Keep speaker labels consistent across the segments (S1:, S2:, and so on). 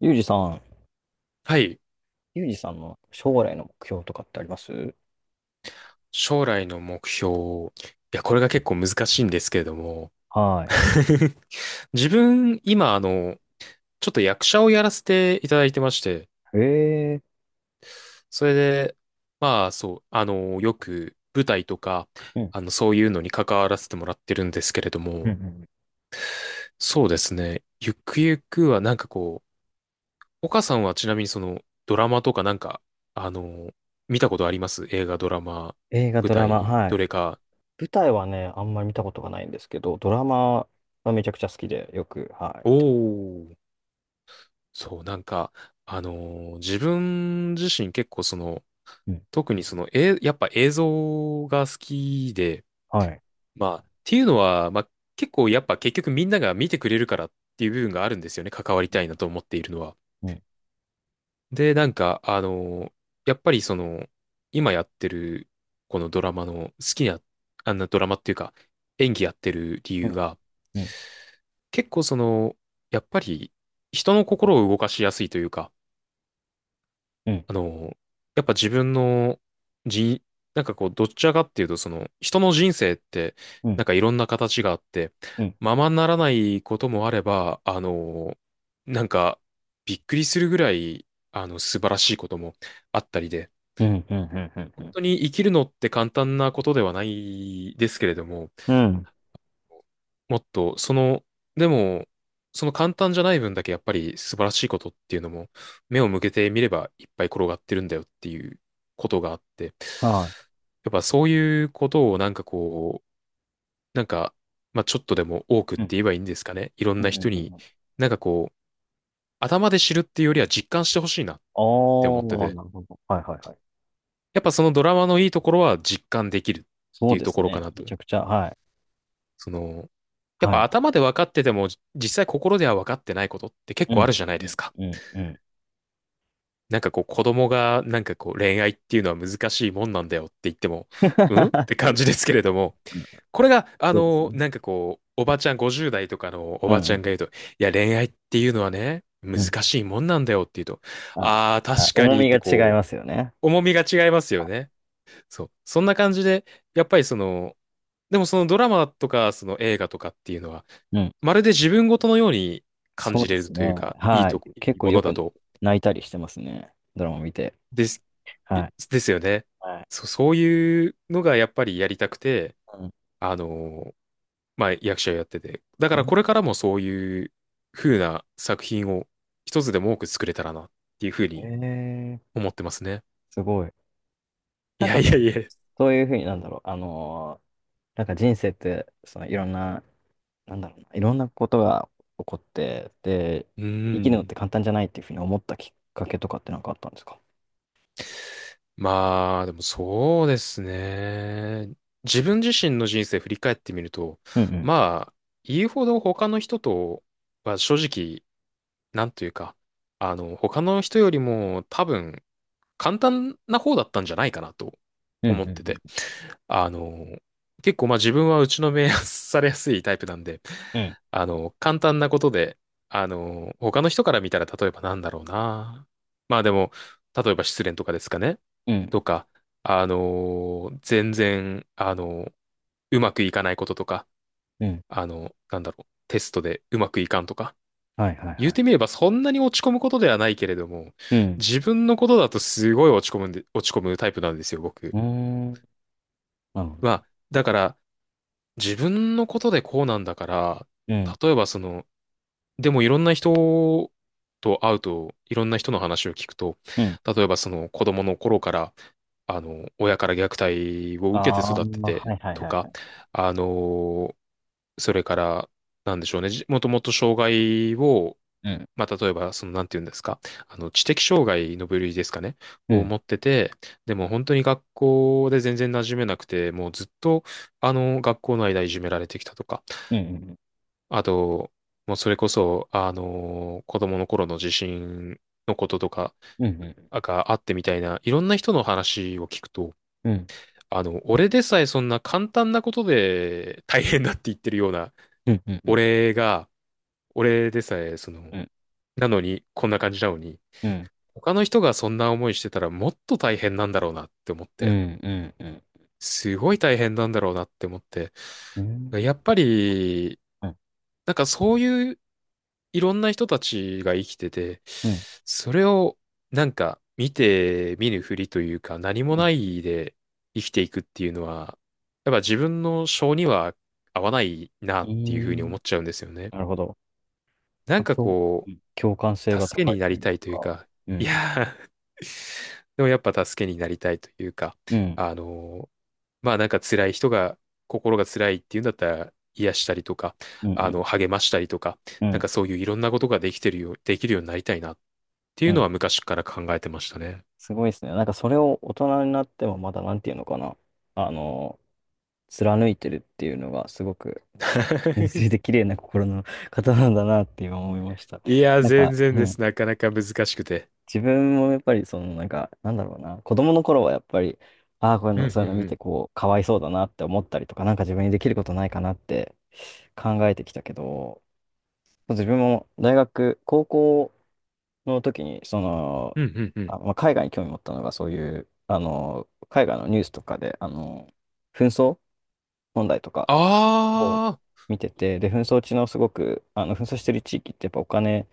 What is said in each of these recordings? S1: ゆうじさん。
S2: はい。
S1: ゆうじさんの将来の目標とかってあります？
S2: 将来の目標。いや、これが結構難しいんですけれども。
S1: は
S2: 自分、今、ちょっと役者をやらせていただいてまして、
S1: い。え
S2: それで、まあ、そう、よく舞台とか、
S1: うん。ー。
S2: そういうのに関わらせてもらってるんですけれど
S1: うんう
S2: も、
S1: んうん。
S2: そうですね。ゆくゆくは、なんかこう、岡さんはちなみにその、ドラマとかなんか、あの、見たことあります映画、ドラマ、
S1: 映画、
S2: 舞
S1: ドラマ、
S2: 台、
S1: は
S2: ど
S1: い。
S2: れか？
S1: 舞台はね、あんまり見たことがないんですけど、ドラマはめちゃくちゃ好きで、よく、は
S2: お
S1: い。
S2: ー。そう、なんか、自分自身結構その、
S1: うん。
S2: 特にその、やっぱ映像が好きで、
S1: はい。
S2: まあ、っていうのは、まあ、結構やっぱ結局みんなが見てくれるからっていう部分があるんですよね。関わりたいなと思っているのは。
S1: うん、
S2: で、なんか、やっぱりその、今やってる、このドラマの好きな、あんなドラマっていうか、演技やってる理
S1: う
S2: 由
S1: ん、
S2: が、
S1: うん、
S2: 結構その、やっぱり人の心を動かしやすいというか、
S1: うん、
S2: あの、やっぱ自分のじなんかこう、どちらかっていうと、その、人の人生って、
S1: うん、う
S2: な
S1: ん、
S2: んかいろんな形があって、
S1: うん、
S2: ままならないこともあれば、なんか、びっくりするぐらい、素晴らしいこともあったりで、
S1: うん、うん、うん、
S2: 本
S1: う
S2: 当に生きるのって簡単なことではないですけれども、
S1: ん、うん。
S2: もっと、その、でも、その簡単じゃない分だけやっぱり素晴らしいことっていうのも、目を向けてみればいっぱい転がってるんだよっていうことがあって、
S1: は
S2: やっぱそういうことをなんかこう、なんか、まあちょっとでも多くっ
S1: い。う
S2: て
S1: ん、
S2: 言えばいいんですかね。いろん
S1: うん、う
S2: な
S1: ん、
S2: 人
S1: う
S2: に、
S1: ん。
S2: なんかこう、頭で知るっていうよりは実感してほしいなっ
S1: ああ
S2: て思って
S1: ー、
S2: て、
S1: なるほど。はい、はい、はい。
S2: やっぱそのドラマのいいところは実感できるっ
S1: そ
S2: て
S1: う
S2: いう
S1: で
S2: と
S1: す
S2: ころか
S1: ね。
S2: な
S1: め
S2: と。
S1: ちゃくちゃ、はい。
S2: その、やっぱ
S1: は
S2: 頭で分かってても、実際心では分かってないことって結
S1: い。う
S2: 構あ
S1: ん、
S2: るじゃない
S1: う
S2: で
S1: ん、
S2: すか。
S1: うん、うん。
S2: なんかこう子供がなんかこう恋愛っていうのは難しいもんなんだよって言っても、うんって 感じですけれども、
S1: うん。
S2: これが
S1: そうですね。
S2: なんかこう、おばちゃん50代とかのお
S1: うん、う
S2: ばちゃ
S1: ん、
S2: んが言うと、いや恋愛っていうのはね、難
S1: うん。
S2: しいもんなんだよって言うと、
S1: あ、
S2: ああ、確
S1: あ
S2: か
S1: 重
S2: にっ
S1: みが
S2: て
S1: 違い
S2: こ
S1: ますよね。
S2: う、重みが違いますよね。そう。そんな感じで、やっぱりその、でもそのドラマとか、その映画とかっていうのは、
S1: うん。
S2: まるで自分ごとのように感
S1: そ
S2: じ
S1: うで
S2: れる
S1: す
S2: という
S1: ね。
S2: か、いい
S1: は
S2: と
S1: い。
S2: こ、い
S1: 結
S2: い
S1: 構
S2: も
S1: よ
S2: のだ
S1: く
S2: と、
S1: 泣いたりしてますね。ドラマ見て。
S2: です、い
S1: はい。
S2: ですよね。
S1: はい。
S2: そういうのがやっぱりやりたくて、あの、まあ、役者をやってて。だか
S1: う
S2: らこれ
S1: ん。
S2: からもそういう風な作品を一つでも多く作れたらなっていう風
S1: え
S2: に
S1: ー、
S2: 思ってますね。
S1: すごい。
S2: い
S1: なん
S2: や
S1: か
S2: い
S1: その、
S2: やいや。
S1: そういうふうになんだろう。なんか人生って、そのいろんな、なんだろうな、いろんなことが起こって、で、
S2: う
S1: 生きるのっ
S2: ん。
S1: て簡単じゃないっていうふうに思ったきっかけとかってなんかあったんですか？
S2: まあ、でもそうですね。自分自身の人生振り返ってみると、
S1: うんうん。
S2: まあ、言うほど他の人とは正直、なんというか、他の人よりも多分簡単な方だったんじゃないかなと
S1: うんう
S2: 思っ
S1: んう
S2: てて。
S1: ん。
S2: あの、結構まあ自分は打ちのめされやすいタイプなんで、
S1: うん
S2: 簡単なことで、他の人から見たら例えばなんだろうな。まあでも、例えば失恋とかですかね。
S1: うん
S2: とか、全然、うまくいかないこととか、
S1: うん。
S2: なんだろう、テストでうまくいかんとか、
S1: はいはい
S2: 言っ
S1: はい。
S2: てみればそんなに落ち込むことではないけれども、
S1: うん。
S2: 自分のことだとすごい落ち込むんで、落ち込むタイプなんですよ、僕。
S1: うーん。なるほ
S2: ま
S1: ど。
S2: あ、だから自分のことでこうなんだから、
S1: うん
S2: 例えばその、でもいろんな人と会うと、いろんな人の話を聞くと、
S1: うん。
S2: 例えばその子供の頃から、親から虐待を
S1: あ
S2: 受けて
S1: あ、
S2: 育って
S1: は
S2: て
S1: いはい
S2: と
S1: はいは
S2: か、
S1: い。
S2: あの、それから、なんでしょうね、もともと障害を
S1: うん。
S2: まあ、例えば、その、なんて言うんですか、知的障害の部類ですかね、
S1: う
S2: を
S1: ん。
S2: 持ってて、でも本当に学校で全然馴染めなくて、もうずっと、学校の間いじめられてきたとか、
S1: うん。
S2: あと、もうそれこそ、子供の頃の地震のこととか
S1: うん。うん。
S2: があってみたいな、いろんな人の話を聞くと、
S1: うん。
S2: 俺でさえそんな簡単なことで大変だって言ってるような、
S1: うん。うん。
S2: 俺が、俺でさえ、その、
S1: うん。
S2: なのに、こんな感じなのに、
S1: うん。
S2: 他の人がそんな思いしてたらもっと大変なんだろうなって思っ
S1: う
S2: て、
S1: ん。うん。うん。
S2: すごい大変なんだろうなって思って、
S1: うん。
S2: やっぱり、なんかそういういろんな人たちが生きてて、
S1: う
S2: それをなんか見て見ぬふりというか何も
S1: ん。
S2: ないで生きていくっていうのは、やっぱ自分の性には合わないな
S1: う
S2: っていうふうに思
S1: ん。
S2: っちゃうんですよね。
S1: なるほど。
S2: なんか
S1: 共
S2: こ
S1: 共感性
S2: う、
S1: が
S2: 助け
S1: 高
S2: に
S1: い
S2: な
S1: と
S2: り
S1: いう
S2: たいという
S1: か。
S2: か、
S1: う
S2: い
S1: ん。
S2: やー でもやっぱ助けになりたいというか、
S1: うん。
S2: あのーまあなんか辛い人が、心が辛いっていうんだったら、癒したりとか、
S1: うん。
S2: 励ましたりとか、
S1: う
S2: なん
S1: ん。
S2: かそういういろんなことができるようになりたいなって
S1: う
S2: いうの
S1: ん。
S2: は昔から考えてましたね。
S1: すごいですね。なんかそれを大人になってもまだなんていうのかな。あの、貫いてるっていうのがすごく、なんか、純粋 で綺麗な心の方なんだなって今思いました。
S2: いや、
S1: なんか、
S2: 全然
S1: う
S2: で
S1: ん。
S2: す。なかなか難しくて。
S1: 自分もやっぱりそのなんか、なんだろうな、子供の頃はやっぱり、ああ、こういう
S2: うん
S1: の、
S2: う
S1: そういうの
S2: んう
S1: 見て
S2: ん。
S1: こう、かわいそうだなって思ったりとか、なんか自分にできることないかなって考えてきたけど、自分も大学、高校の時に、その、
S2: うんうんうん。
S1: あ、まあ、海外に興味持ったのが、そういう、あの、海外のニュースとかで、あの、紛争問題とかを
S2: ああ、
S1: 見てて、で、紛争地のすごく、あの、紛争してる地域ってやっぱお金、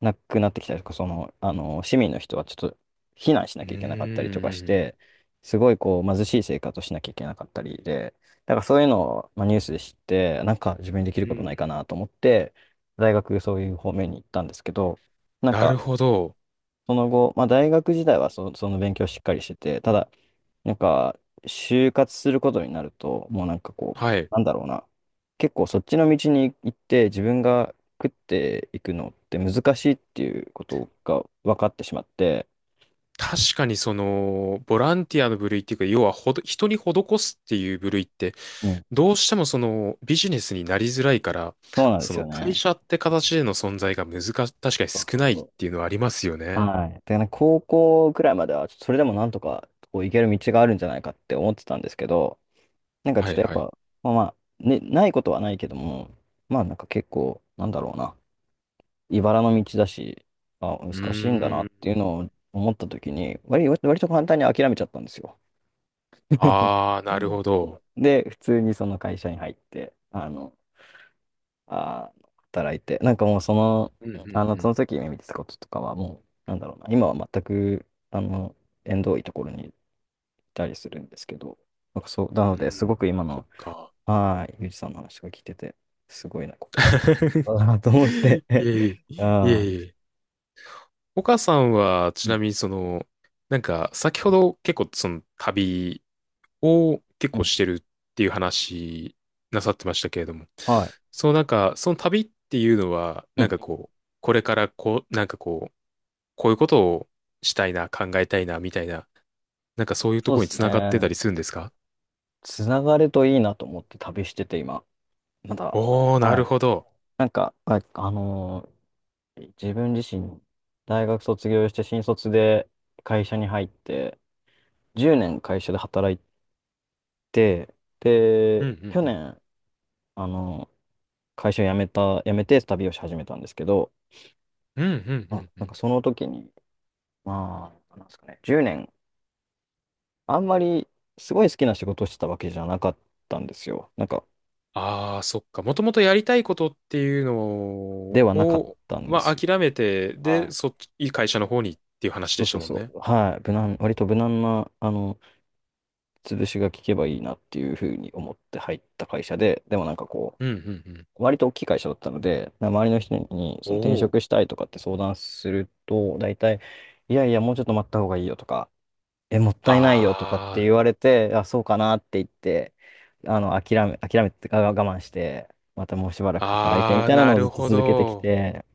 S1: なくなってきたりとか、その、あの、市民の人はちょっと避難し
S2: う
S1: なきゃいけなかったりとかし
S2: ーん。
S1: て、すごいこう貧しい生活をしなきゃいけなかったりで、だからそういうのを、まあ、ニュースで知って、なんか自分にできる
S2: うん
S1: こ
S2: う
S1: とない
S2: ん
S1: かなと思って、大学そういう方面に行ったんですけど、なん
S2: な
S1: か
S2: るほど。
S1: その後、まあ、大学時代はその勉強をしっかりしてて、ただなんか、就活することになると、もうなんかこう、
S2: はい。
S1: なんだろうな。結構そっちの道に行って自分が食っていくのって難しいっていうことが分かってしまって、
S2: 確かにその、ボランティアの部類っていうか、要はほど、人に施すっていう部類って、
S1: うん。
S2: どうしてもそのビジネスになりづらいから、
S1: そうなんで
S2: そ
S1: すよ
S2: の会
S1: ね。
S2: 社って形での存在が確かに
S1: そう
S2: 少
S1: そう
S2: ないっ
S1: そ
S2: ていうのはありますよ
S1: う。
S2: ね。
S1: はい。で、ね、高校くらいまでは、ちょっとそれでもなんとかこう行ける道があるんじゃないかって思ってたんですけど、なんかちょ
S2: は
S1: っ
S2: い
S1: とやっ
S2: はい。
S1: ぱ、まあまあ、ね、ないことはないけども、まあなんか結構、なんだろうな。茨の道だし、あ、難
S2: う
S1: しいんだな
S2: ー
S1: っていう
S2: ん。
S1: のを思った時に、割と簡単に諦めちゃったんですよ。
S2: ああ、
S1: う
S2: なる
S1: ん。
S2: ほど。
S1: で、普通にその会社に入って、あの、あー、働いて、なんかもうその、
S2: うんう
S1: あ
S2: ん
S1: の、
S2: う
S1: そ
S2: ん。
S1: の時夢見てたこととかはもう、なんだろうな、今は全く、あの、縁遠いところにいたりするんですけど、なんかそう、なの
S2: う
S1: で、す
S2: ん。
S1: ごく今
S2: そっ
S1: の、
S2: か。
S1: はい、ゆうじさんの話が聞いてて、すごいな、心に。だなと思って、
S2: いえいえ、い
S1: ああ、
S2: えいえ。岡さんは、
S1: う
S2: ちな
S1: ん、
S2: みにその、なんか、先ほど結構その旅を結
S1: う
S2: 構
S1: ん、
S2: してるっていう話なさってましたけれども、
S1: はい。
S2: そのなんか、その旅っていうのは、
S1: う
S2: なん
S1: ん。
S2: かこう、これからこう、なんかこう、こういうことをしたいな、考えたいな、みたいな、なんかそういうと
S1: そう
S2: こ
S1: で
S2: ろに
S1: す
S2: つながってたり
S1: ね。
S2: するんですか？
S1: つながるといいなと思って旅してて、今。まだ。
S2: おー、な
S1: は
S2: る
S1: い。
S2: ほど。
S1: なんか、あ、自分自身、大学卒業して新卒で会社に入って、10年会社で働いて、
S2: うん、
S1: で、
S2: うん、
S1: 去
S2: うん。
S1: 年、あの、会社辞めた、辞めて旅をし始めたんですけど、
S2: うん、うん、う
S1: あ、
S2: ん。う
S1: なん
S2: ん
S1: かその時に、まあ、なんですかね、10年、あんまりすごい好きな仕事をしてたわけじゃなかったんですよ。なんか、
S2: ああ、そっか。もともとやりたいことっていうの
S1: ではなかっ
S2: を、
S1: たんで
S2: まあ、
S1: すよ。
S2: 諦めて、
S1: は
S2: で、
S1: い。
S2: そっち、いい会社の方にっていう話
S1: そ
S2: で
S1: う
S2: し
S1: そ
S2: た
S1: う
S2: もん
S1: そ
S2: ね。
S1: う。はい。無難、割と無難な、あの、潰しが効けばいいなっていうふうに思って入った会社で、でもなんかこ
S2: うん、うん、うん。
S1: う、割と大きい会社だったので、な周りの人に
S2: お
S1: その転
S2: お。
S1: 職したいとかって相談すると、大体、いやいや、もうちょっと待った方がいいよとか、え、もったいないよとかって
S2: あ
S1: 言われて、あ、そうかなって言って、あの、諦めて、あ我慢して、またもうしばらく働いて
S2: あ、
S1: み
S2: ああ、
S1: たいな
S2: な
S1: のをずっ
S2: る
S1: と
S2: ほ
S1: 続けてき
S2: ど。
S1: て、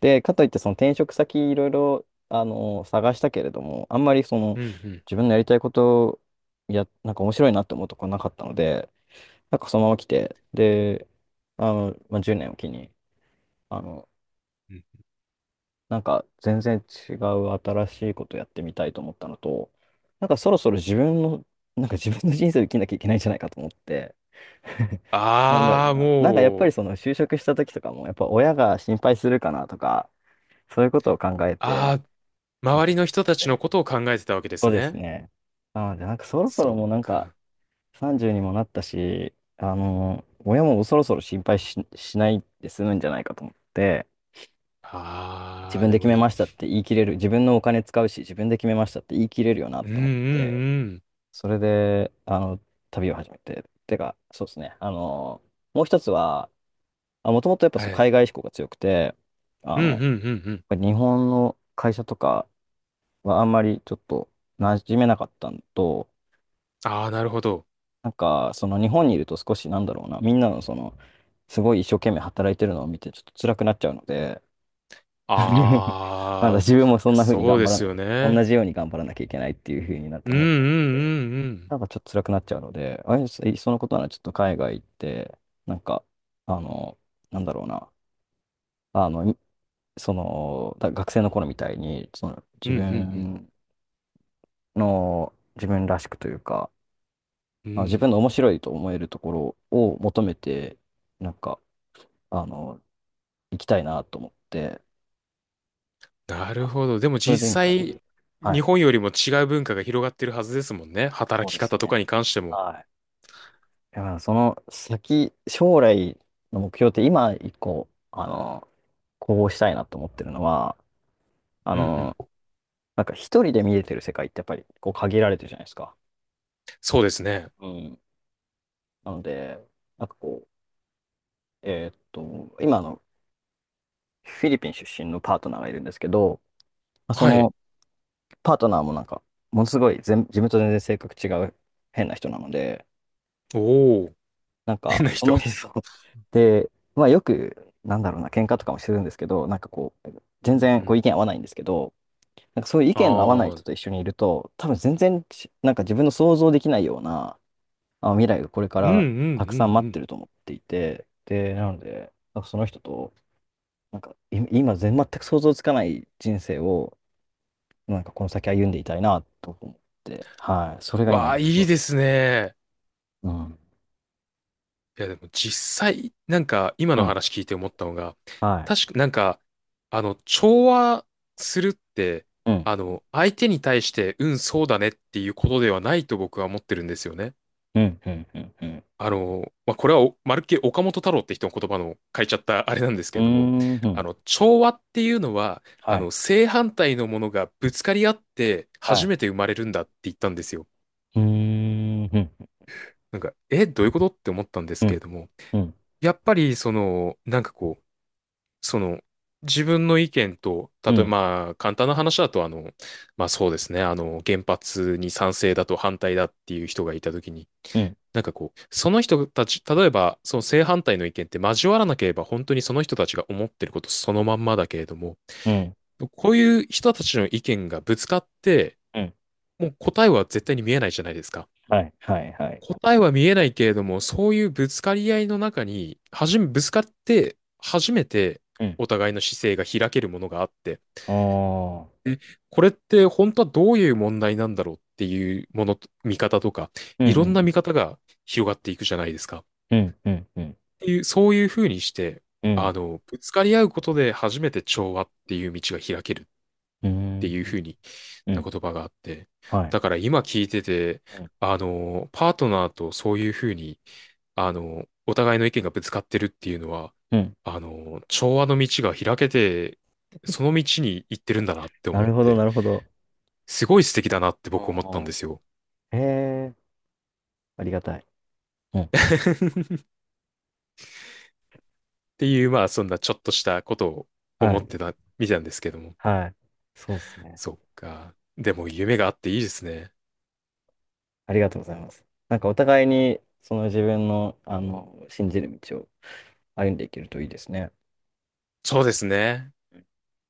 S1: で、かといってその転職先いろいろ、あの、探したけれども、あんまりその
S2: うん、う
S1: 自
S2: ん
S1: 分のやりたいことや、なんか面白いなって思うとこなかったので、なんかそのまま来て、で、あの、まあ、10年を機に、あの、
S2: うん。
S1: なんか全然違う新しいことやってみたいと思ったのと、なんかそろそろ自分の、なんか自分の人生を生きなきゃいけないんじゃないかと思って、なんだろ
S2: あ
S1: う
S2: あ、
S1: な。なんかやっぱ
S2: も
S1: り
S2: う、
S1: その就職した時とかも、やっぱ親が心配するかなとか、そういうことを考えて、
S2: ああ、
S1: 就
S2: 周り
S1: 職
S2: の
S1: した
S2: 人
S1: の
S2: たちの
S1: で。
S2: ことを考えてたわけで
S1: そ
S2: す
S1: うです
S2: ね。
S1: ね。なので、なんかそろそろ
S2: そっ
S1: もうなんか
S2: か。
S1: 30にもなったし、あの、親もそろそろ心配し、しないで済むんじゃないかと思って、自
S2: ああ、
S1: 分
S2: で
S1: で決
S2: も
S1: め
S2: い
S1: ま
S2: い。
S1: したって言い切れる、自分のお金使うし、自分で決めましたって言い切れるよなっ
S2: うん、うん、
S1: て思って、
S2: うん。
S1: それで、あの、旅を始めて、てか、そうですね、あの、もう一つは、あ、もともとやっぱ
S2: は
S1: そう
S2: い。
S1: 海外志向が強くて、あ
S2: うん、うん、うん、う
S1: の、
S2: ん。
S1: 日本の会社とかはあんまりちょっと馴染めなかったのと、
S2: ああ、なるほど。
S1: なんか、その日本にいると少しなんだろうな、みんなのその、すごい一生懸命働いてるのを見てちょっと辛くなっちゃうので、なんだ
S2: あ
S1: 自分もそ
S2: あ、
S1: んな風に
S2: そう
S1: 頑
S2: で
S1: 張ら
S2: す
S1: な、
S2: よね。
S1: 同じように頑張らなきゃいけないっていう風になっ
S2: う
S1: て
S2: んうんう
S1: 思
S2: ん
S1: っちゃって、
S2: うん。
S1: なんかちょっと辛くなっちゃうので、あいそいっそのことならちょっと海外行って、なんか、あの、なんだろうな、あの、いその、だ学生の頃みたいに、その
S2: う
S1: 自
S2: んうん
S1: 分の、自分らしくというか、
S2: うん。う
S1: あ自分
S2: ん。
S1: の面白いと思えるところを求めて、なんか、あの、行きたいなと思って、
S2: なる
S1: あ
S2: ほど。でも
S1: それ
S2: 実
S1: で今食べまし
S2: 際、
S1: た。は
S2: 日
S1: い。
S2: 本よりも違う文化が広がってるはずですもんね。
S1: そう
S2: 働き
S1: です
S2: 方と
S1: ね。
S2: かに関しても。
S1: はい。だからその先、将来の目標って今一個、あの、こうしたいなと思ってるのは、あ
S2: うんう
S1: の、
S2: ん。
S1: なんか一人で見れてる世界ってやっぱりこう限られてるじゃないですか。
S2: そうですね。
S1: うん。なので、なんかこう、今あのフィリピン出身のパートナーがいるんですけど、まあそ
S2: はい。
S1: のパートナーもなんか、ものすごい全自分と全然性格違う変な人なので、
S2: おお、
S1: なん
S2: 変
S1: か、
S2: な
S1: そ
S2: 人。
S1: の人 で、まあよく、なんだろうな、喧嘩とかもするんですけど、なんかこう、全
S2: うんう
S1: 然こう
S2: ん。
S1: 意見合わないんですけど、なんかそういう意
S2: あ
S1: 見の合わない
S2: あ、う
S1: 人
S2: ん
S1: と一緒にいると、多分全然ち、なんか自分の想像できないような、あ、未来がこれか
S2: うんうんう
S1: らたくさん待って
S2: ん。
S1: ると思っていて、で、なので、なんかその人と、なんかい今全く想像つかない人生を、なんかこの先歩んでいたいなと思って、はい、それが今
S2: わ
S1: の
S2: あ、
S1: 目
S2: いい
S1: 標で
S2: で
S1: す。
S2: すね。
S1: うん。う
S2: いやでも実際、なんか今の
S1: ん。
S2: 話聞いて思ったのが、
S1: は
S2: 確かなんか、調和するって、
S1: い。うん。
S2: 相手に対して、うん、そうだねっていうことではないと僕は思ってるんですよね。
S1: うん。うん。うん。うん。
S2: まあ、これはおまるっきり岡本太郎って人の言葉の書いちゃったあれなんですけ
S1: う
S2: れども、
S1: ーん。
S2: 調和っていうのは、
S1: はい。
S2: 正反対のものがぶつかり合って
S1: は
S2: 初
S1: い。
S2: めて生まれるんだって言ったんですよ。
S1: うーん。
S2: なんか、どういうことって思ったんで
S1: う
S2: すけれ
S1: ん。
S2: ども、
S1: うん。うん。
S2: やっぱりその、なんかこう、その、自分の意見と、例
S1: う
S2: えば、
S1: ん。
S2: まあ、簡単な話だと、まあそうですね、原発に賛成だと反対だっていう人がいたときに、
S1: うん。
S2: なんかこう、その人たち、例えば、その正反対の意見って交わらなければ、本当にその人たちが思ってることそのまんまだけれども、
S1: うん。
S2: こういう人たちの意見がぶつかって、
S1: うん。
S2: もう答えは絶対に見えないじゃないですか。
S1: はい。はい。はい。
S2: 答えは見えないけれども、そういうぶつかり合いの中に、はじめ、ぶつかって、初めて
S1: うん。
S2: お互いの姿勢が開けるものがあって、
S1: ああ。
S2: これって本当はどういう問題なんだろうっていうもの、見方とか、
S1: うん。う
S2: いろんな見
S1: ん。
S2: 方が広がっていくじゃないですか。っ
S1: うん。うん。うん。
S2: ていう、そういうふうにして、
S1: うん。
S2: ぶつかり合うことで初めて調和っていう道が開けるっ
S1: う
S2: て
S1: ん。
S2: いうふうに
S1: う
S2: な
S1: ん。
S2: 言葉があって、
S1: はい。
S2: だから今聞いてて、
S1: うん。
S2: パートナーとそういうふうにお互いの意見がぶつかってるっていうのは、
S1: うん。
S2: 調和の道が開けて、その道に行ってるんだなって
S1: な
S2: 思っ
S1: るほど、
S2: て、
S1: なるほど。
S2: すごい素敵だなって僕思った
S1: あ
S2: んですよ。
S1: あ。へえ。ありがたい。うん。うん。
S2: っていう、まあ、そんなちょっとしたことを思
S1: は
S2: っ
S1: い。
S2: てたみたんですけども。
S1: はい。そうですね。
S2: そっか。でも夢があっていいですね。
S1: ありがとうございます。なんかお互いに、その自分の、あの、信じる道を歩んでいけるといいですね。
S2: そうですね。